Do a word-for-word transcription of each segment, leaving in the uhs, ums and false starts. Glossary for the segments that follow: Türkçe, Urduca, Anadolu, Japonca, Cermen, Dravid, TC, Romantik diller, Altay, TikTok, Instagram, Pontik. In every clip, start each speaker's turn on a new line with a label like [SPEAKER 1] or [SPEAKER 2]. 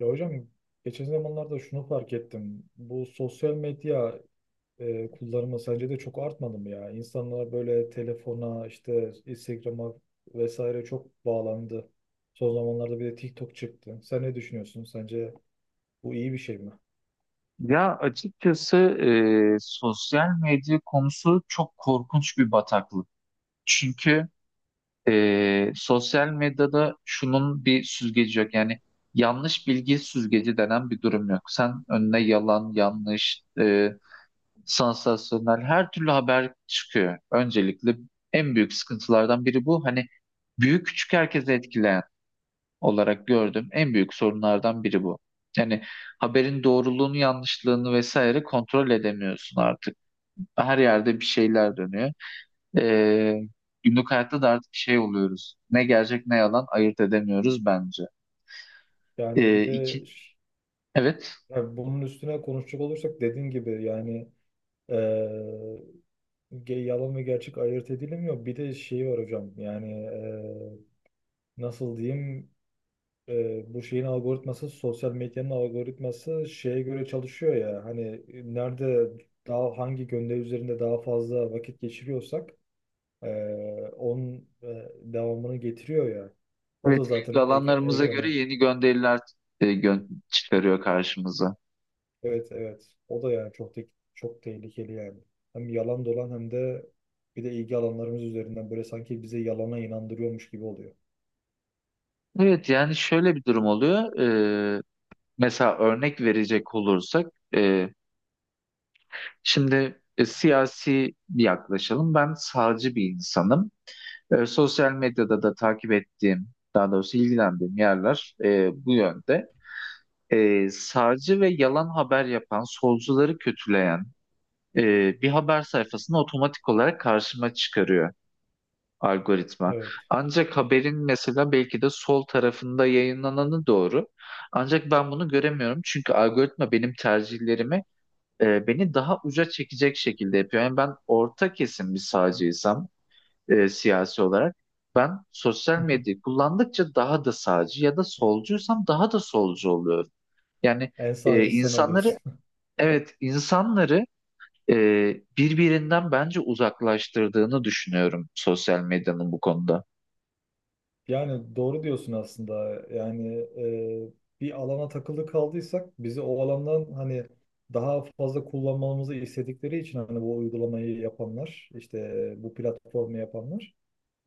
[SPEAKER 1] Ya hocam geçen zamanlarda şunu fark ettim. Bu sosyal medya e, kullanımı sence de çok artmadı mı ya? İnsanlar böyle telefona, işte Instagram'a vesaire çok bağlandı. Son zamanlarda bir de TikTok çıktı. Sen ne düşünüyorsun? Sence bu iyi bir şey mi?
[SPEAKER 2] Ya, açıkçası, e, sosyal medya konusu çok korkunç bir bataklık. Çünkü e, sosyal medyada şunun bir süzgeci yok. Yani yanlış bilgi süzgeci denen bir durum yok. Sen önüne yalan, yanlış, e, sansasyonel her türlü haber çıkıyor. Öncelikle en büyük sıkıntılardan biri bu. Hani büyük küçük herkese etkileyen olarak gördüğüm en büyük sorunlardan biri bu. Yani haberin doğruluğunu, yanlışlığını vesaire kontrol edemiyorsun artık. Her yerde bir şeyler dönüyor. Ee, Günlük hayatta da artık şey oluyoruz. Ne gerçek ne yalan ayırt edemiyoruz bence.
[SPEAKER 1] Yani
[SPEAKER 2] Ee,
[SPEAKER 1] bir de
[SPEAKER 2] iki,
[SPEAKER 1] ş-
[SPEAKER 2] evet,
[SPEAKER 1] Yani bunun üstüne konuşacak olursak dediğin gibi yani eee, Ge- Yalan ve gerçek ayırt edilemiyor. Bir de şey var hocam yani, e, nasıl diyeyim, e, bu şeyin algoritması sosyal medyanın algoritması şeye göre çalışıyor ya. Hani e, nerede daha hangi gönderi üzerinde daha fazla vakit geçiriyorsak e, onun e, devamını getiriyor ya. O da
[SPEAKER 2] evet, ilgi
[SPEAKER 1] zaten ek
[SPEAKER 2] alanlarımıza göre
[SPEAKER 1] ekranı.
[SPEAKER 2] yeni gönderiler e, gö- çıkarıyor karşımıza.
[SPEAKER 1] Evet, evet. O da yani çok te- çok tehlikeli yani. Hem yalan dolan hem de bir de ilgi alanlarımız üzerinden böyle sanki bize yalana inandırıyormuş gibi oluyor.
[SPEAKER 2] Evet, yani şöyle bir durum oluyor. Ee, Mesela örnek verecek olursak, e, Şimdi e, siyasi yaklaşalım. Ben sağcı bir insanım. E, sosyal medyada da takip ettiğim, daha doğrusu ilgilendiğim yerler e, bu yönde. E, sağcı ve yalan haber yapan, solcuları kötüleyen e, bir haber sayfasını otomatik olarak karşıma çıkarıyor algoritma.
[SPEAKER 1] Evet.
[SPEAKER 2] Ancak haberin mesela belki de sol tarafında yayınlananı doğru. Ancak ben bunu göremiyorum çünkü algoritma benim tercihlerimi, e, beni daha uca çekecek şekilde yapıyor. Yani ben orta kesim bir sağcıysam, e, siyasi olarak ben sosyal medyayı kullandıkça daha da sağcı ya da solcuysam daha da solcu oluyorum. Yani
[SPEAKER 1] En
[SPEAKER 2] e,
[SPEAKER 1] sağcı sen oluyorsun.
[SPEAKER 2] insanları, evet, insanları e, birbirinden bence uzaklaştırdığını düşünüyorum sosyal medyanın bu konuda.
[SPEAKER 1] Yani doğru diyorsun aslında. Yani e, bir alana takılı kaldıysak bizi o alandan hani daha fazla kullanmamızı istedikleri için, hani bu uygulamayı yapanlar, işte bu platformu yapanlar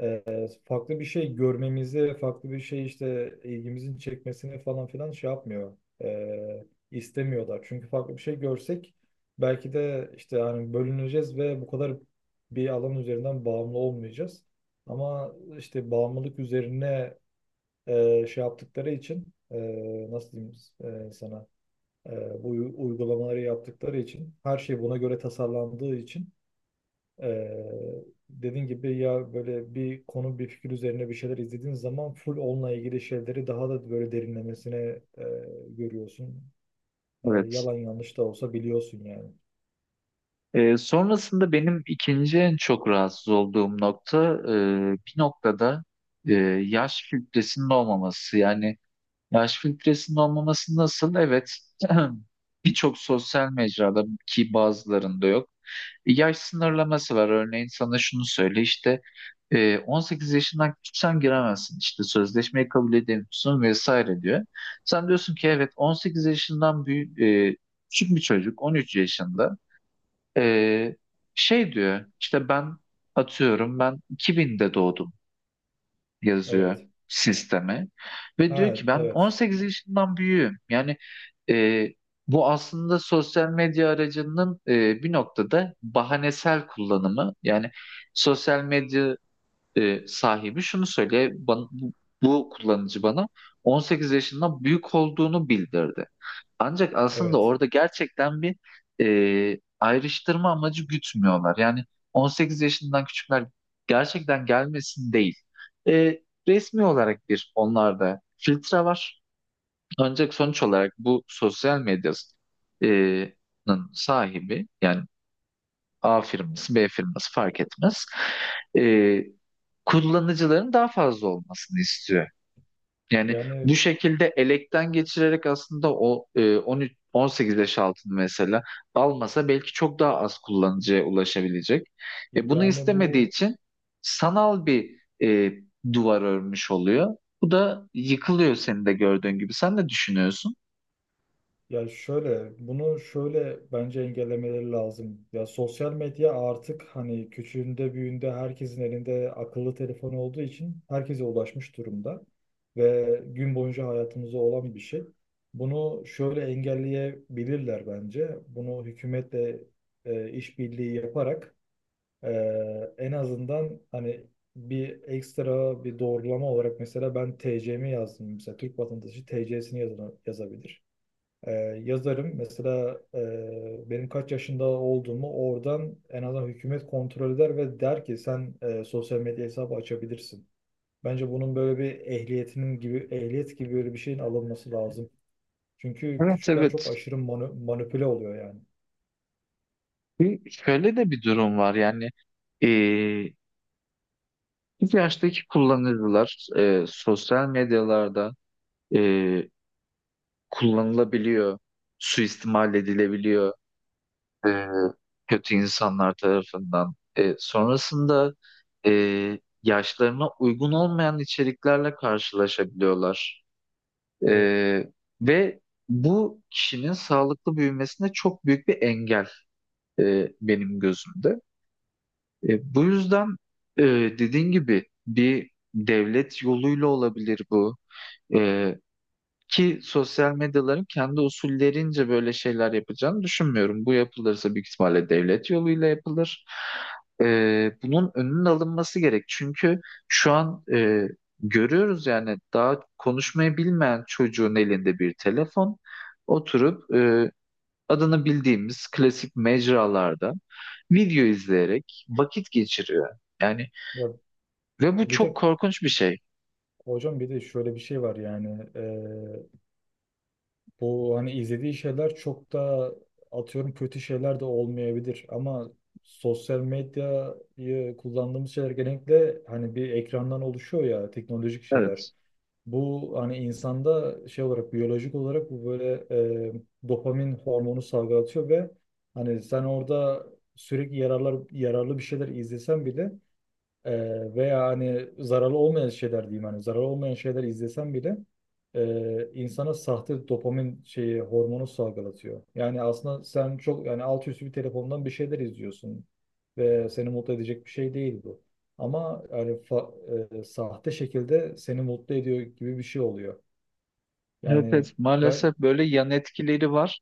[SPEAKER 1] e, farklı bir şey görmemizi, farklı bir şey, işte ilgimizin çekmesini falan filan şey yapmıyor. E, istemiyorlar. Çünkü farklı bir şey görsek belki de işte hani bölüneceğiz ve bu kadar bir alan üzerinden bağımlı olmayacağız. Ama işte bağımlılık üzerine e, şey yaptıkları için, e, nasıl diyeyim, e, sana e, bu uy- uygulamaları yaptıkları için her şey buna göre tasarlandığı için ee, dediğin gibi ya, böyle bir konu, bir fikir üzerine bir şeyler izlediğin zaman full onunla ilgili şeyleri daha da böyle derinlemesine e, görüyorsun. E,
[SPEAKER 2] Evet.
[SPEAKER 1] yalan yanlış da olsa biliyorsun yani.
[SPEAKER 2] E, sonrasında benim ikinci en çok rahatsız olduğum nokta e, bir noktada e, yaş filtresinin olmaması. Yani yaş filtresinin olmaması nasıl? Evet. Birçok sosyal mecrada ki bazılarında yok. E, Yaş sınırlaması var. Örneğin sana şunu söyle işte e, on sekiz yaşından küçüksen giremezsin. İşte sözleşmeyi kabul edemiyorsun vesaire diyor. Sen diyorsun ki evet on sekiz yaşından büyük, e, küçük bir çocuk on üç yaşında, e, şey diyor işte, ben atıyorum ben iki binde doğdum yazıyor
[SPEAKER 1] Evet.
[SPEAKER 2] sisteme ve diyor
[SPEAKER 1] Ha,
[SPEAKER 2] ki ben
[SPEAKER 1] evet.
[SPEAKER 2] on sekiz yaşından büyüğüm. Yani e, bu aslında sosyal medya aracının e, bir noktada bahanesel kullanımı. Yani sosyal medya e, sahibi şunu söyle bana, bu, bu kullanıcı bana on sekiz yaşından büyük olduğunu bildirdi. Ancak aslında
[SPEAKER 1] Evet.
[SPEAKER 2] orada gerçekten bir e, ayrıştırma amacı gütmüyorlar. Yani on sekiz yaşından küçükler gerçekten gelmesin değil. E, Resmi olarak bir onlarda filtre var. Ancak sonuç olarak bu sosyal medyanın sahibi, yani A firması, B firması fark etmez. Ee, Kullanıcıların daha fazla olmasını istiyor. Yani
[SPEAKER 1] Yani
[SPEAKER 2] bu şekilde elekten geçirerek aslında o e, on üç on sekiz yaş altını mesela almasa belki çok daha az kullanıcıya ulaşabilecek. E, bunu
[SPEAKER 1] yani
[SPEAKER 2] istemediği
[SPEAKER 1] bu
[SPEAKER 2] için sanal bir e, duvar örmüş oluyor. Bu da yıkılıyor senin de gördüğün gibi. Sen ne düşünüyorsun?
[SPEAKER 1] Ya şöyle, bunu şöyle bence engellemeleri lazım. Ya sosyal medya artık hani küçüğünde büyüğünde herkesin elinde akıllı telefon olduğu için herkese ulaşmış durumda ve gün boyunca hayatımızda olan bir şey. Bunu şöyle engelleyebilirler bence. Bunu hükümetle e, işbirliği yaparak, e, en azından hani bir ekstra bir doğrulama olarak, mesela ben T C'mi yazdım, mesela Türk vatandaşı T C'sini yazabilir ee, yazarım. Mesela e, benim kaç yaşında olduğumu oradan en azından hükümet kontrol eder ve der ki sen e, sosyal medya hesabı açabilirsin. Bence bunun böyle bir ehliyetinin gibi ehliyet gibi böyle bir şeyin alınması lazım. Çünkü
[SPEAKER 2] Evet,
[SPEAKER 1] küçükler çok
[SPEAKER 2] evet.
[SPEAKER 1] aşırı manı- manipüle oluyor yani.
[SPEAKER 2] Bir- Şöyle de bir durum var yani. e, Bu yaştaki kullanıcılar e, sosyal medyalarda e, kullanılabiliyor, suistimal edilebiliyor e, kötü insanlar tarafından. E, sonrasında e, yaşlarına uygun olmayan içeriklerle karşılaşabiliyorlar. E,
[SPEAKER 1] Evet.
[SPEAKER 2] ve bu kişinin sağlıklı büyümesine çok büyük bir engel e, benim gözümde. E, bu yüzden e, dediğin gibi bir devlet yoluyla olabilir bu. Ee, Ki sosyal medyaların kendi usullerince böyle şeyler yapacağını düşünmüyorum. Bu yapılırsa büyük ihtimalle devlet yoluyla yapılır. Ee, bunun önünün alınması gerek. Çünkü şu an e, görüyoruz yani daha konuşmayı bilmeyen çocuğun elinde bir telefon oturup e, adını bildiğimiz klasik mecralarda video izleyerek vakit geçiriyor. Yani
[SPEAKER 1] Ya
[SPEAKER 2] ve bu
[SPEAKER 1] bir
[SPEAKER 2] çok
[SPEAKER 1] de
[SPEAKER 2] korkunç bir şey.
[SPEAKER 1] hocam bir de şöyle bir şey var yani. e, Bu hani izlediği şeyler çok da, atıyorum, kötü şeyler de olmayabilir ama sosyal medyayı kullandığımız şeyler genellikle hani bir ekrandan oluşuyor ya, teknolojik şeyler.
[SPEAKER 2] Evet.
[SPEAKER 1] Bu hani insanda şey olarak, biyolojik olarak bu böyle e, dopamin hormonu salgılatıyor ve hani sen orada sürekli yararlar yararlı bir şeyler izlesen bile ee, veya hani zararlı olmayan şeyler diyeyim, hani zararlı olmayan şeyler izlesem bile e, insana sahte dopamin şeyi, hormonu salgılatıyor. Yani aslında sen çok yani alt üstü bir telefondan bir şeyler izliyorsun ve seni mutlu edecek bir şey değil bu. Ama yani fa- e, sahte şekilde seni mutlu ediyor gibi bir şey oluyor.
[SPEAKER 2] Evet, evet.
[SPEAKER 1] Yani ben
[SPEAKER 2] Maalesef böyle yan etkileri var.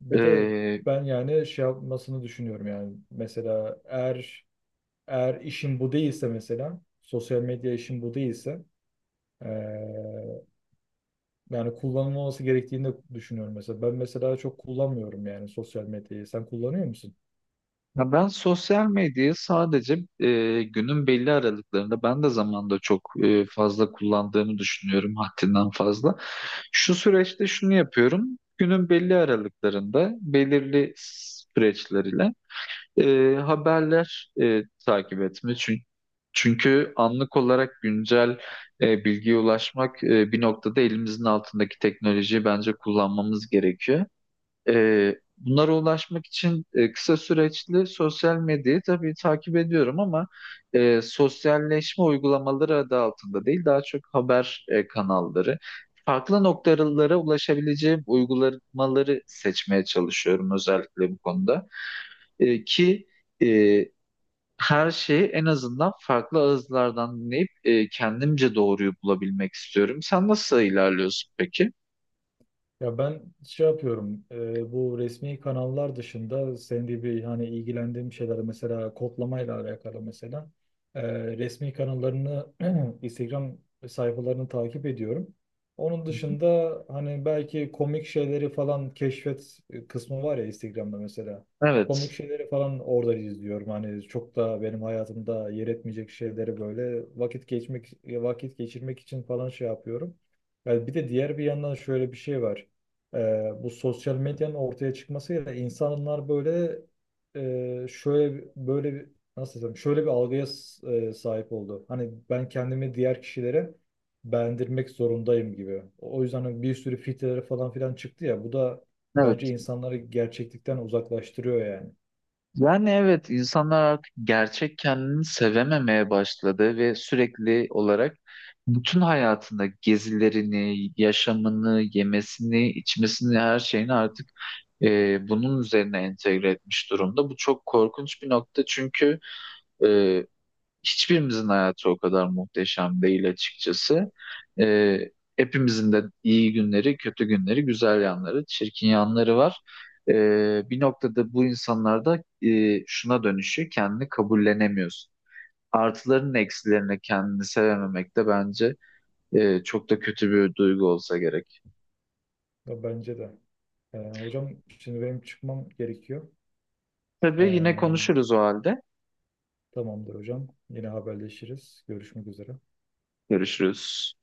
[SPEAKER 1] bir de
[SPEAKER 2] Ee,
[SPEAKER 1] ben yani şey yapmasını düşünüyorum yani, mesela eğer eğer işin bu değilse, mesela sosyal medya işin bu değilse, Ee, yani kullanılması gerektiğini de düşünüyorum mesela. Ben mesela çok kullanmıyorum yani sosyal medyayı. Sen kullanıyor musun?
[SPEAKER 2] Ya ben sosyal medyayı sadece e, günün belli aralıklarında ben de zamanda çok e, fazla kullandığımı düşünüyorum, haddinden fazla. Şu süreçte şunu yapıyorum. Günün belli aralıklarında belirli süreçleriyle e, haberler e, takip etme. Çünkü, çünkü anlık olarak güncel e, bilgiye ulaşmak e, bir noktada elimizin altındaki teknolojiyi bence kullanmamız gerekiyor. E, bunlara ulaşmak için e, kısa süreçli sosyal medyayı tabii takip ediyorum ama e, sosyalleşme uygulamaları adı altında değil, daha çok haber e, kanalları. Farklı noktalara ulaşabileceğim uygulamaları seçmeye çalışıyorum özellikle bu konuda. E, ki e, her şeyi en azından farklı ağızlardan dinleyip e, kendimce doğruyu bulabilmek istiyorum. Sen nasıl ilerliyorsun peki?
[SPEAKER 1] Ya ben şey yapıyorum, e, bu resmi kanallar dışında senin gibi hani ilgilendiğim şeyler, mesela kodlamayla alakalı mesela, e, resmi kanallarını Instagram sayfalarını takip ediyorum. Onun dışında hani belki komik şeyleri falan keşfet kısmı var ya Instagram'da mesela. Komik
[SPEAKER 2] Evet.
[SPEAKER 1] şeyleri falan orada izliyorum. Hani çok da benim hayatımda yer etmeyecek şeyleri böyle vakit geçmek vakit geçirmek için falan şey yapıyorum. Yani bir de diğer bir yandan şöyle bir şey var. Ee, bu sosyal medyanın ortaya çıkmasıyla insanlar böyle, e, şöyle böyle bir- nasıl desem, şöyle bir algıya s- e, sahip oldu. Hani ben kendimi diğer kişilere beğendirmek zorundayım gibi. O yüzden hani bir sürü filtreler falan filan çıktı ya, bu da bence
[SPEAKER 2] Evet.
[SPEAKER 1] insanları gerçeklikten uzaklaştırıyor yani.
[SPEAKER 2] Yani evet, insanlar artık gerçek kendini sevememeye başladı ve sürekli olarak bütün hayatında gezilerini, yaşamını, yemesini, içmesini, her şeyini artık e, bunun üzerine entegre etmiş durumda. Bu çok korkunç bir nokta çünkü hiçbirimizin hayatı o kadar muhteşem değil açıkçası. Ee, Hepimizin de iyi günleri, kötü günleri, güzel yanları, çirkin yanları var. Ee, bir noktada bu insanlarda e, şuna dönüşüyor, kendini kabullenemiyorsun. Artıların eksilerine kendini sevememek de bence e, çok da kötü bir duygu olsa gerek.
[SPEAKER 1] Ya, bence de. Ee, hocam şimdi benim çıkmam gerekiyor.
[SPEAKER 2] Tabii yine
[SPEAKER 1] Ee,
[SPEAKER 2] konuşuruz o halde.
[SPEAKER 1] Tamamdır hocam. Yine haberleşiriz. Görüşmek üzere.
[SPEAKER 2] Görüşürüz.